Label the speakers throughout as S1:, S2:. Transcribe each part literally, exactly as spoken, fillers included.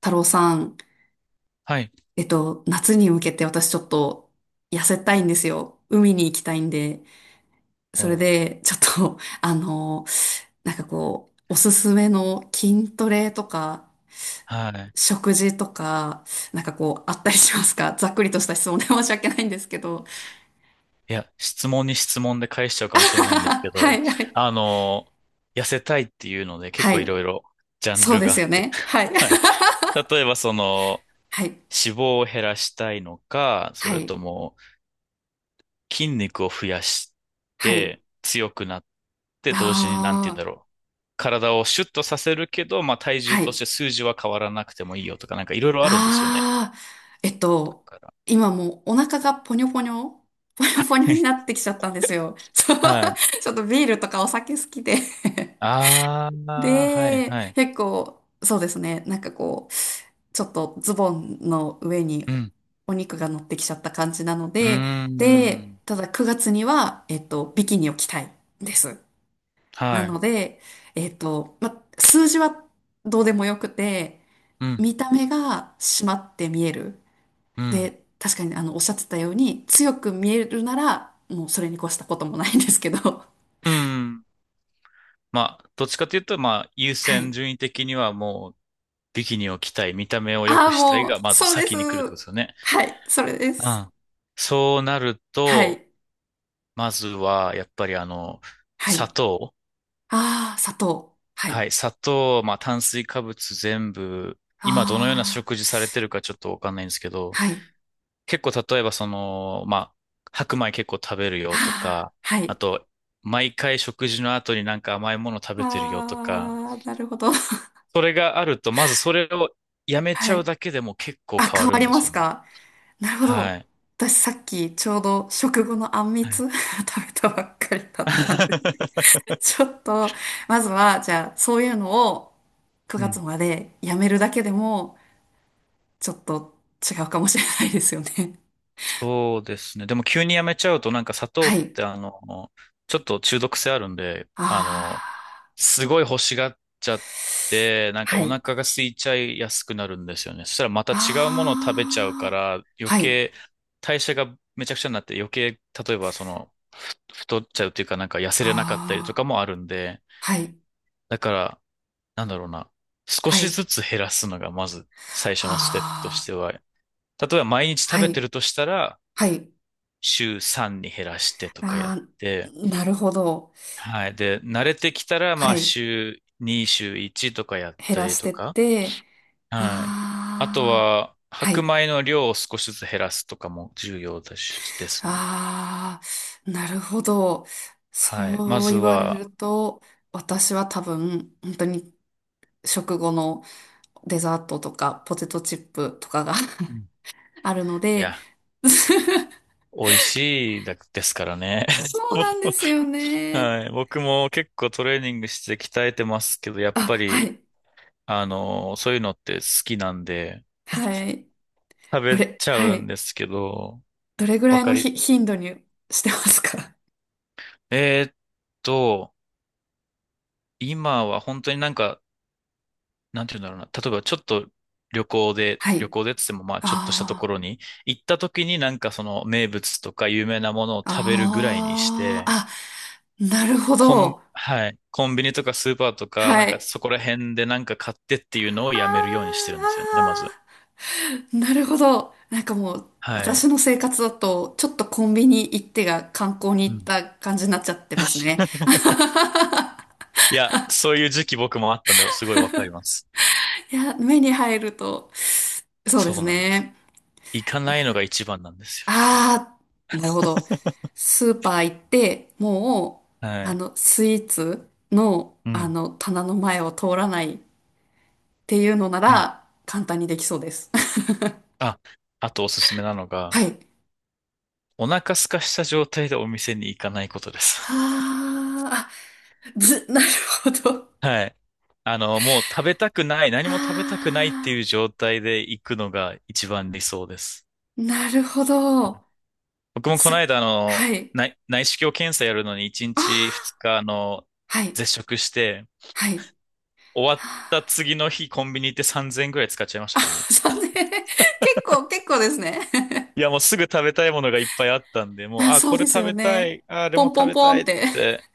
S1: 太郎さん、
S2: はい。
S1: えっと、夏に向けて私ちょっと痩せたいんですよ。海に行きたいんで。
S2: お
S1: それ
S2: う。
S1: で、ちょっと、あの、なんかこう、おすすめの筋トレとか、
S2: はい。
S1: 食事とか、なんかこう、あったりしますか？ざっくりとした質問で 申し訳ないんですけど。
S2: いや、質問に質問で返しちゃうかもしれないんですけ
S1: は
S2: ど、
S1: いはい。
S2: あの、痩せたいっていうので結
S1: は
S2: 構い
S1: い。
S2: ろいろジャン
S1: そう
S2: ル
S1: で
S2: があ
S1: すよ
S2: って。
S1: ね。はい。
S2: はい。例えばその、
S1: はい。
S2: 脂肪を減らしたいのか、そ
S1: は
S2: れ
S1: い。
S2: とも筋肉を増やし
S1: はい。
S2: て強くなって同時になんて
S1: あ
S2: 言うんだ
S1: あ。
S2: ろう。体をシュッとさせるけど、まあ体重
S1: は
S2: とし
S1: い。
S2: て数字は変わらなくてもいいよとか、なんかいろいろあるんですよね。
S1: ああ、えっ
S2: だ
S1: と、
S2: から。
S1: 今もうお腹がポニョポニョ、ポニョポニョになっ てきちゃったんですよ。そう
S2: はい。
S1: ちょっとビールとかお酒好きで
S2: あ あ、はい、
S1: で、
S2: はい。
S1: 結構、そうですね、なんかこう、ちょっとズボンの上に
S2: うん。
S1: お肉が乗ってきちゃった感じなの
S2: うー
S1: で、で、
S2: ん。
S1: ただくがつには、えっと、ビキニを着たいです。な
S2: は
S1: の
S2: い。
S1: で、えっと、ま、数字はどうでもよくて、
S2: うん。
S1: 見た目が締まって見える。
S2: うん。
S1: で、確かにあの、おっしゃってたように、強く見えるなら、もうそれに越したこともないんですけど。
S2: うん。まあ、どっちかというと、まあ、優
S1: は
S2: 先
S1: い。
S2: 順位的にはもう、ビキニを着たい、見た目を良
S1: ああ、
S2: くしたい
S1: もう、
S2: が、まず
S1: そうです。
S2: 先に来るってことですよね。
S1: はい、それで
S2: う
S1: す。
S2: ん。そうなる
S1: は
S2: と、
S1: い、
S2: まずは、やっぱりあの、
S1: は
S2: 砂
S1: い。
S2: 糖。
S1: ああ、砂糖。は
S2: は
S1: い。
S2: い。砂糖、まあ、炭水化物全部、
S1: あ
S2: 今どのような
S1: あ、
S2: 食事されてるかちょっとわかんないんですけど、
S1: はい。
S2: 結構例えばその、まあ、白米結構食べる
S1: あ
S2: よと
S1: あ、
S2: か、
S1: は
S2: あ
S1: い。
S2: と、毎回食事の後になんか甘いもの食べてるよとか、
S1: ああ、なるほど。
S2: それがあると、まずそれをやめち
S1: は
S2: ゃう
S1: い。
S2: だけでも結構
S1: あ、
S2: 変
S1: 変
S2: わ
S1: わ
S2: るん
S1: り
S2: で
S1: ま
S2: す
S1: す
S2: よね。
S1: か？なるほ
S2: は
S1: ど。
S2: い。
S1: 私さっきちょうど食後のあんみ
S2: は
S1: つ
S2: い。
S1: 食べたばっかりだったんで ちょっと、まずは、じゃあ、そういうのを
S2: う
S1: くがつ
S2: ん。
S1: までやめるだけでも、ちょっと違うかもしれないですよね。
S2: そうですね。でも急にやめちゃうとなんか砂 糖
S1: は
S2: っ
S1: い。
S2: てあの、ちょっと中毒性あるんで、あ
S1: あ
S2: の、
S1: あ、
S2: すごい欲しがっちゃって、なんか
S1: は
S2: お
S1: い。
S2: 腹が空いちゃいやすくなるんですよね。そしたらまた違うものを食べちゃうか
S1: ああ、
S2: ら、余
S1: はい。
S2: 計代謝がめちゃくちゃになって余計、例えばその、ふ太っちゃうっていうかなんか痩せれなかったりと
S1: あ
S2: か
S1: あ、
S2: もあるんで、
S1: はい。
S2: だから、なんだろうな、少
S1: は
S2: し
S1: い。
S2: ずつ減らすのがまず最初のステップとし
S1: あ
S2: て
S1: あ、
S2: は、例えば毎日食
S1: は
S2: べて
S1: い。
S2: るとしたら、
S1: はい。
S2: 週さんに減らしてとかやっ
S1: あ
S2: て、
S1: あ、なるほど。
S2: はい。で、慣れてきたら、ま
S1: は
S2: あ
S1: い。
S2: 週に、週いちとかやっ
S1: 減
S2: た
S1: ら
S2: り
S1: し
S2: と
S1: てっ
S2: か、
S1: て、
S2: はい。あと
S1: ああ、
S2: は、
S1: は
S2: 白
S1: い。
S2: 米の量を少しずつ減らすとかも重要だし、ですね。
S1: ああ、なるほど。
S2: はい。ま
S1: そう
S2: ず
S1: 言われ
S2: は、
S1: ると、私は多分、本当に食後のデザートとか、ポテトチップとかが
S2: うん。
S1: あるの
S2: い
S1: で、
S2: や、美味しいだですからね。
S1: そうなんで すよね。
S2: はい。僕も結構トレーニングして鍛えてますけど、やっぱ
S1: あ、は
S2: り、
S1: い。
S2: あの、そういうのって好きなんで、
S1: はい。
S2: 食
S1: ど
S2: べ
S1: れ、
S2: ちゃ
S1: は
S2: うん
S1: い。
S2: ですけど、
S1: どれぐら
S2: わ
S1: い
S2: か
S1: のひ
S2: り。
S1: 頻度にしてますか？
S2: えーっと、今は本当になんかなんて言うんだろうな。例えばちょっと旅行で、
S1: は
S2: 旅
S1: い。
S2: 行でっつってもまあちょっとしたとこ
S1: あ
S2: ろに行った時になんかその名物とか有名なものを食べるぐらいにし
S1: あ、あ
S2: て、
S1: あ、あ、なるほ
S2: コン、
S1: ど。
S2: はい、コンビニとかスーパーとかな
S1: は
S2: んか
S1: い。
S2: そこら辺でなんか買ってっていうのを
S1: あー
S2: やめるようにしてるんですよね、ま
S1: あ
S2: ず。
S1: ーなるほど。なんかもう、
S2: は
S1: 私
S2: い。
S1: の生活だと、ちょっとコンビニ行ってが観光に
S2: う
S1: 行っ
S2: ん。
S1: た感じになっちゃってますね。
S2: いや、そういう時期僕もあったんで、すごいわかります。
S1: いや、目に入ると、そうで
S2: そ
S1: す
S2: うなんです。
S1: ね。
S2: 行かないのが一番なんです
S1: ああ、なるほど。スーパー行って、も
S2: よ。
S1: う、
S2: は
S1: あ
S2: い。
S1: の、スイーツの、
S2: う
S1: あ
S2: ん。
S1: の、棚の前を通らないっていうのな
S2: うん。
S1: ら、簡単にできそうです。
S2: あ、あとおすすめなの
S1: は
S2: が、
S1: い。
S2: お腹空かした状態でお店に行かないことです。
S1: あーあ、ず、なるほど。
S2: はい。あの、もう食べたくない、何も食べたくないってい
S1: あ
S2: う
S1: あ、
S2: 状態で行くのが一番理想です。
S1: なるほど。
S2: 僕もこの
S1: す、
S2: 間、あの、
S1: はい。
S2: 内、内視鏡検査やるのに1
S1: あ
S2: 日
S1: あ、
S2: ふつか、あの、
S1: はい、
S2: 絶食して、
S1: はい。
S2: 終わった
S1: は
S2: 次の日コンビニ行ってさんぜんえんぐらい使っちゃいまし
S1: あ
S2: たからね。
S1: さんぜんえん 結構、結構ですね。
S2: いや、もうすぐ食べたいものがいっぱいあったんで、もう、
S1: あ、
S2: あ、
S1: そう
S2: こ
S1: で
S2: れ
S1: す
S2: 食
S1: よ
S2: べた
S1: ね。
S2: い、あ、あれ
S1: ポ
S2: も
S1: ンポ
S2: 食
S1: ン
S2: べ
S1: ポ
S2: た
S1: ン
S2: い
S1: っ
S2: っ
S1: て。
S2: て、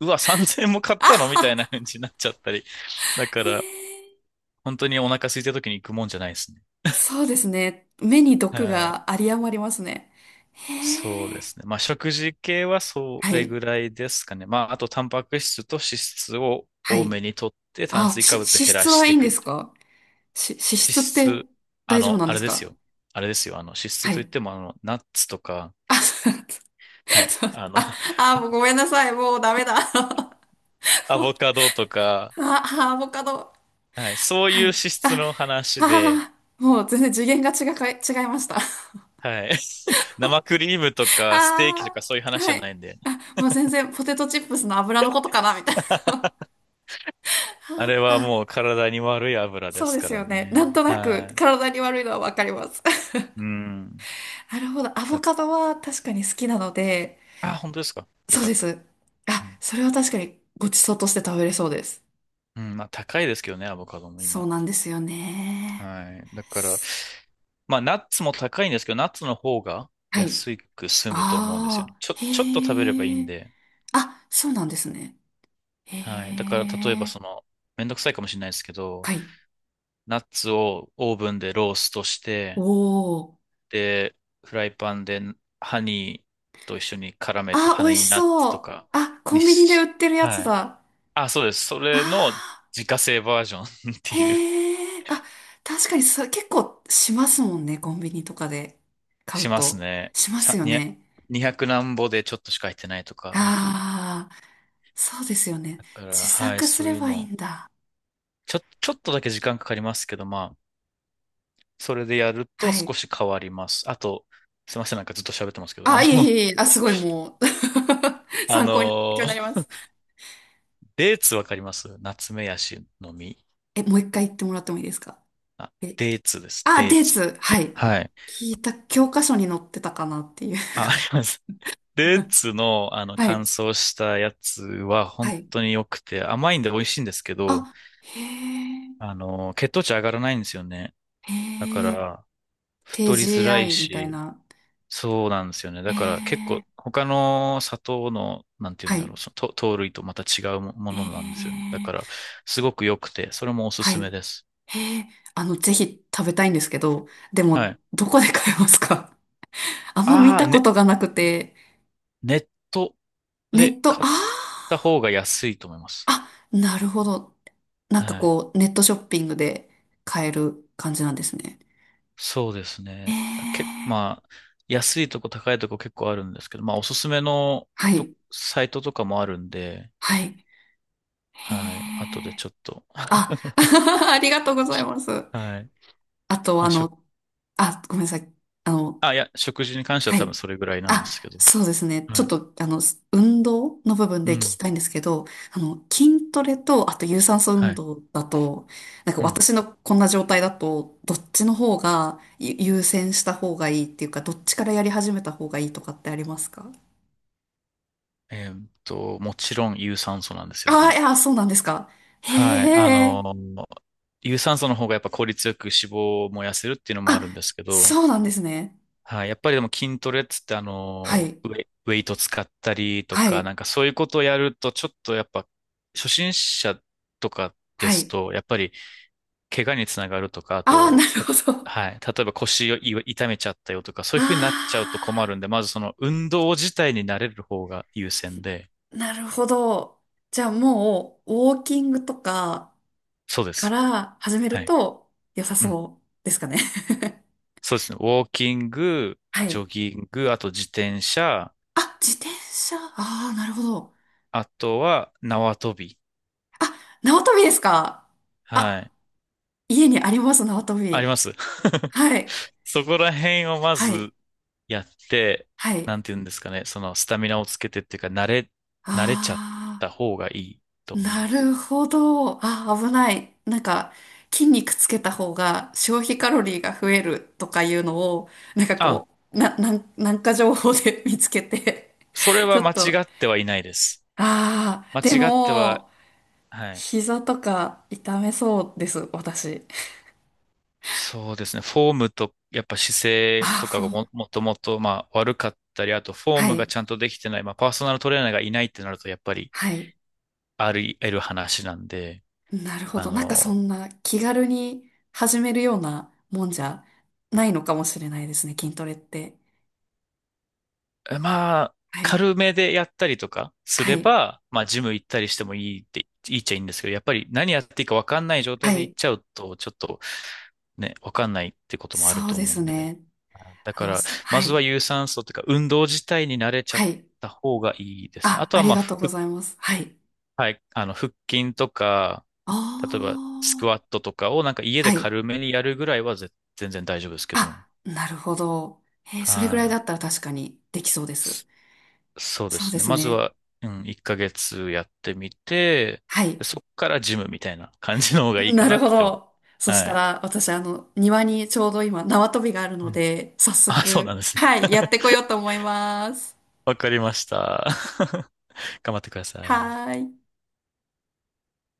S2: うわ、さんぜんえんも買ったのみたいな感じになっちゃったり。だか
S1: へ
S2: ら、
S1: え。
S2: 本当にお腹空いた時に行くもんじゃないですね。
S1: そうですね。目に毒
S2: はい。
S1: が有り余りますね。へ
S2: そうで
S1: え。
S2: すね。まあ、食事系はそ
S1: は
S2: れ
S1: い、
S2: ぐらいですかね。まあ、あと、タンパク質と脂質を
S1: は
S2: 多
S1: い。
S2: めにとって、炭
S1: あ、
S2: 水
S1: し、
S2: 化
S1: 脂
S2: 物減ら
S1: 質
S2: し
S1: は
S2: て
S1: い
S2: い
S1: いん
S2: く
S1: で
S2: み
S1: す
S2: たいな。
S1: か？し、脂
S2: 脂
S1: 質って
S2: 質、あ
S1: 大丈夫
S2: の、
S1: なん
S2: あ
S1: で
S2: れ
S1: す
S2: です
S1: か？
S2: よ。あれですよ。あの、脂質
S1: は
S2: といっ
S1: い。
S2: ても、あの、ナッツとか、
S1: あ、そう
S2: はい。
S1: そう
S2: あ の、
S1: あ、あ、もうご めんなさい。もうダメだ。
S2: ア
S1: もう
S2: ボカドとか、
S1: あ、アボカド。
S2: はい。そうい
S1: は
S2: う脂
S1: い。
S2: 質
S1: あ、
S2: の話で、
S1: ああ、もう全然次元が違か、違いました。
S2: はい。生クリームとか、ステーキ
S1: あ
S2: とかそういう
S1: あ、
S2: 話じ
S1: は
S2: ゃ
S1: い。
S2: ないんで。
S1: あ、もう全然ポテトチップスの油のことかな、みたいな。
S2: あれ
S1: あ
S2: は
S1: あ、
S2: もう体に悪い油で
S1: そう
S2: す
S1: で
S2: か
S1: す
S2: ら
S1: よね。な
S2: ね。
S1: んとなく
S2: はい。
S1: 体に悪いのはわかります。
S2: うん。
S1: なるほど。アボ
S2: あ、
S1: カドは確かに好きなので、
S2: あ本当ですか？よ
S1: そう
S2: か
S1: で
S2: った。
S1: す。あ、
S2: うん。
S1: それは確かにごちそうとして食べれそうです。
S2: うん、まあ高いですけどね、アボカドも
S1: そう
S2: 今。
S1: なんですよね。
S2: はい。だから、まあナッツも高いんですけど、ナッツの方が
S1: はい。
S2: 安く済むと思うんですよ
S1: あ
S2: ね。
S1: あ、
S2: ちょ、ちょっと食べればいい
S1: へ
S2: ん
S1: え。
S2: で。
S1: あ、そうなんですね。
S2: はい。だ
S1: へ
S2: から、例えばそ
S1: え。
S2: の、めんどくさいかもしれないですけど、
S1: はい。
S2: ナッツをオーブンでローストし
S1: お
S2: て、
S1: お。
S2: で、フライパンでハニーと一緒に絡めて、
S1: あ、美
S2: ハ
S1: 味
S2: ニー
S1: し
S2: ナッツ
S1: そ
S2: と
S1: う。
S2: か
S1: あ、コ
S2: に
S1: ンビニで売
S2: し、
S1: ってるやつ
S2: はい。
S1: だ。
S2: あ、そうです。それの
S1: あ
S2: 自家製バージョン っ
S1: ー、
S2: ていう、
S1: へえ。あ、確かにそ、結構しますもんね。コンビニとかで買う
S2: します
S1: と。
S2: ね。
S1: します
S2: さ、
S1: よ
S2: にひゃく、
S1: ね。
S2: にひゃく何ぼでちょっとしか入ってないとか、なんか。
S1: ああ、そうですよね。
S2: だか
S1: 自
S2: ら、はい、
S1: 作す
S2: そう
S1: れ
S2: いう
S1: ばいい
S2: の。
S1: んだ。
S2: ちょ、ちょっとだけ時間かかりますけど、まあ、それでやると
S1: は
S2: 少
S1: い。
S2: し変わります。あと、すいません、なんかずっと喋ってますけど、あ
S1: あ、
S2: の、
S1: いえいえいえ。あ、すごいもう
S2: あ
S1: 参考に、勉強
S2: の、
S1: になります。
S2: デーツわかりますナツメヤシの実。
S1: え、もう一回言ってもらってもいいですか？
S2: あ、
S1: え、
S2: デーツです、
S1: あ、
S2: デー
S1: デー
S2: ツ。
S1: ツ。はい。
S2: はい。
S1: 聞いた、教科書に載ってたかなっていう。
S2: あ、あります。ルー ツの、あの、
S1: は
S2: 乾
S1: い。
S2: 燥したやつは
S1: は
S2: 本
S1: い。
S2: 当に良くて、甘いんで美味しいんですけど、
S1: あ、へえ、
S2: あの、血糖値上がらないんですよね。
S1: へ
S2: だか
S1: え、
S2: ら、太りづらい
S1: ティージーアイ みたい
S2: し、
S1: な。
S2: そうなんですよね。
S1: へ
S2: だから結
S1: え、
S2: 構、他の砂糖の、なんて言う
S1: は
S2: んだろ
S1: い、
S2: う、その糖糖類とまた違うもも
S1: へ
S2: のなんですよね。だ
S1: え、
S2: から、すごく良くて、それもおす
S1: は
S2: すめ
S1: い、
S2: です。
S1: へえ、あの、ぜひ食べたいんですけど、で
S2: は
S1: も、
S2: い。
S1: どこで買えますか？ あんま見
S2: ああ、
S1: たこ
S2: ね、
S1: とがなくて、
S2: ネット
S1: ネ
S2: で
S1: ット、
S2: 買っ
S1: あ
S2: た方が安いと思います。
S1: あ、あ、なるほど。なんか
S2: はい。
S1: こう、ネットショッピングで買える感じなんですね。
S2: そうです
S1: へ
S2: ね。け、
S1: え、
S2: まあ、安いとこ高いとこ結構あるんですけど、まあ、おすすめの
S1: は
S2: と、
S1: い、
S2: サイトとかもあるんで、
S1: はい、へ
S2: はい。後で
S1: え、
S2: ちょっと。
S1: あ、ありがとうございます。
S2: はい。
S1: あと、
S2: ま
S1: あ
S2: あ、食、
S1: の、あ、ごめんなさい。あの、
S2: あ、いや、食事に関しては
S1: は
S2: 多分
S1: い。
S2: それぐらいなんで
S1: あ、
S2: すけど。
S1: そうですね。ちょ
S2: は
S1: っ
S2: い。
S1: と、あの、運動の部分
S2: う
S1: で聞き
S2: ん。
S1: たいんですけど、あの、筋トレと、あと有酸素
S2: は
S1: 運
S2: い。
S1: 動だと、なんか
S2: うん。
S1: 私のこんな状態だと、どっちの方がゆ優先した方がいいっていうか、どっちからやり始めた方がいいとかってありますか？
S2: えーっと、もちろん有酸素なんですよ
S1: ああ
S2: ね。
S1: ー、いや、そうなんですか。へ
S2: はい。あ
S1: え。
S2: の、有酸素の方がやっぱ効率よく脂肪を燃やせるっていうのもあるん
S1: あ、
S2: ですけど、
S1: そうなんですね。
S2: はい。やっぱりでも筋トレっつってあ
S1: は
S2: の、
S1: い。
S2: ウェ、ウェイト使ったりと
S1: は
S2: か、
S1: い。
S2: なんかそういうことをやると、ちょっとやっぱ、初心者とかで
S1: は
S2: す
S1: い。
S2: と、やっぱり怪我につながるとか、あ
S1: ああ、な
S2: と、
S1: る
S2: た
S1: ほど。
S2: はい。例えば腰をい痛めちゃったよとか、そういう
S1: あ、
S2: ふうになっちゃうと困るんで、まずその運動自体に慣れる方が優先で、
S1: なるほど。じゃあもう、ウォーキングとか
S2: そうで
S1: か
S2: す。
S1: ら始め
S2: は
S1: る
S2: い。
S1: と良さ
S2: うん。
S1: そうですかね。
S2: そうですね。ウォーキング、
S1: は
S2: ジョ
S1: い。
S2: ギング、あと自転車、
S1: あ、自転車。ああ、なるほど。
S2: あとは縄跳び。
S1: あ、縄跳びですか。
S2: は
S1: あ、
S2: い。
S1: 家にあります、縄跳
S2: あり
S1: び。
S2: ます。
S1: はい。
S2: そこら辺をま
S1: はい。
S2: ずやって、
S1: はい。
S2: なんて言うんですかね、そのスタミナをつけてっていうか、慣れ、慣れちゃっ
S1: あ
S2: た方がいいと
S1: あ、
S2: 思い
S1: な
S2: ます。
S1: るほど。あ、危ない。なんか、筋肉つけた方が消費カロリーが増えるとかいうのを、なんか
S2: あ、
S1: こう、な、なん、なんか情報で 見つけて
S2: それ
S1: ち
S2: は
S1: ょ
S2: 間
S1: っ
S2: 違
S1: と、
S2: ってはいないです。
S1: ああ、
S2: 間
S1: で
S2: 違っては、
S1: も、
S2: はい。
S1: 膝とか痛めそうです、私。
S2: そうですね。フォームと、やっぱ姿
S1: あ
S2: 勢
S1: あ、
S2: とか
S1: フ
S2: が
S1: ォ
S2: も、
S1: ー。
S2: もともと、まあ、悪かったり、あと、フォー
S1: は
S2: ムが
S1: い、
S2: ちゃんとできてない、まあ、パーソナルトレーナーがいないってなると、やっぱり、
S1: はい。
S2: あり得る話なんで、
S1: なるほ
S2: あ
S1: ど。なんかそ
S2: の、
S1: んな気軽に始めるようなもんじゃないのかもしれないですね、筋トレって。
S2: まあ、
S1: はい、
S2: 軽めでやったりとかす
S1: は
S2: れ
S1: い、
S2: ば、まあ、ジム行ったりしてもいいって、いいっちゃいいんですけど、やっぱり何やっていいかわかんない状
S1: は
S2: 態で行っ
S1: い。
S2: ちゃうと、ちょっとね、わかんないってこともある
S1: そう
S2: と
S1: で
S2: 思う
S1: す
S2: んで。
S1: ね。
S2: だ
S1: あ
S2: か
S1: の、
S2: ら、
S1: す
S2: ま
S1: は
S2: ずは
S1: い、
S2: 有酸素というか、運動自体に慣れちゃっ
S1: はい。
S2: た方がいいですね。あ
S1: あ、
S2: と
S1: あ
S2: は、
S1: り
S2: まあ、
S1: がと
S2: ふ
S1: うございます。はい。
S2: はい、あの、腹筋とか、例えば、
S1: あ
S2: ス
S1: あ、
S2: クワットとかをなんか家
S1: は
S2: で
S1: い。
S2: 軽めにやるぐらいはぜ全然大丈夫ですけ
S1: あ、
S2: ど。
S1: なるほど。えー
S2: は
S1: それぐらいだ
S2: い。
S1: ったら確かにできそうです。
S2: そうで
S1: そう
S2: す
S1: で
S2: ね。
S1: す
S2: まず
S1: ね。
S2: は、うん、いっかげつやってみて、
S1: はい。
S2: で、そこからジムみたいな感じの方がいいか
S1: な
S2: な
S1: る
S2: っ
S1: ほ
S2: て思う。
S1: ど。そし
S2: は
S1: た
S2: い。
S1: ら、私、あの、庭にちょうど今、縄跳びがあるの
S2: うん。
S1: で、早
S2: あ、そう
S1: 速、
S2: なんですね。
S1: はい、やってこ ようと思います。
S2: わかりました。頑張ってください。
S1: はーい。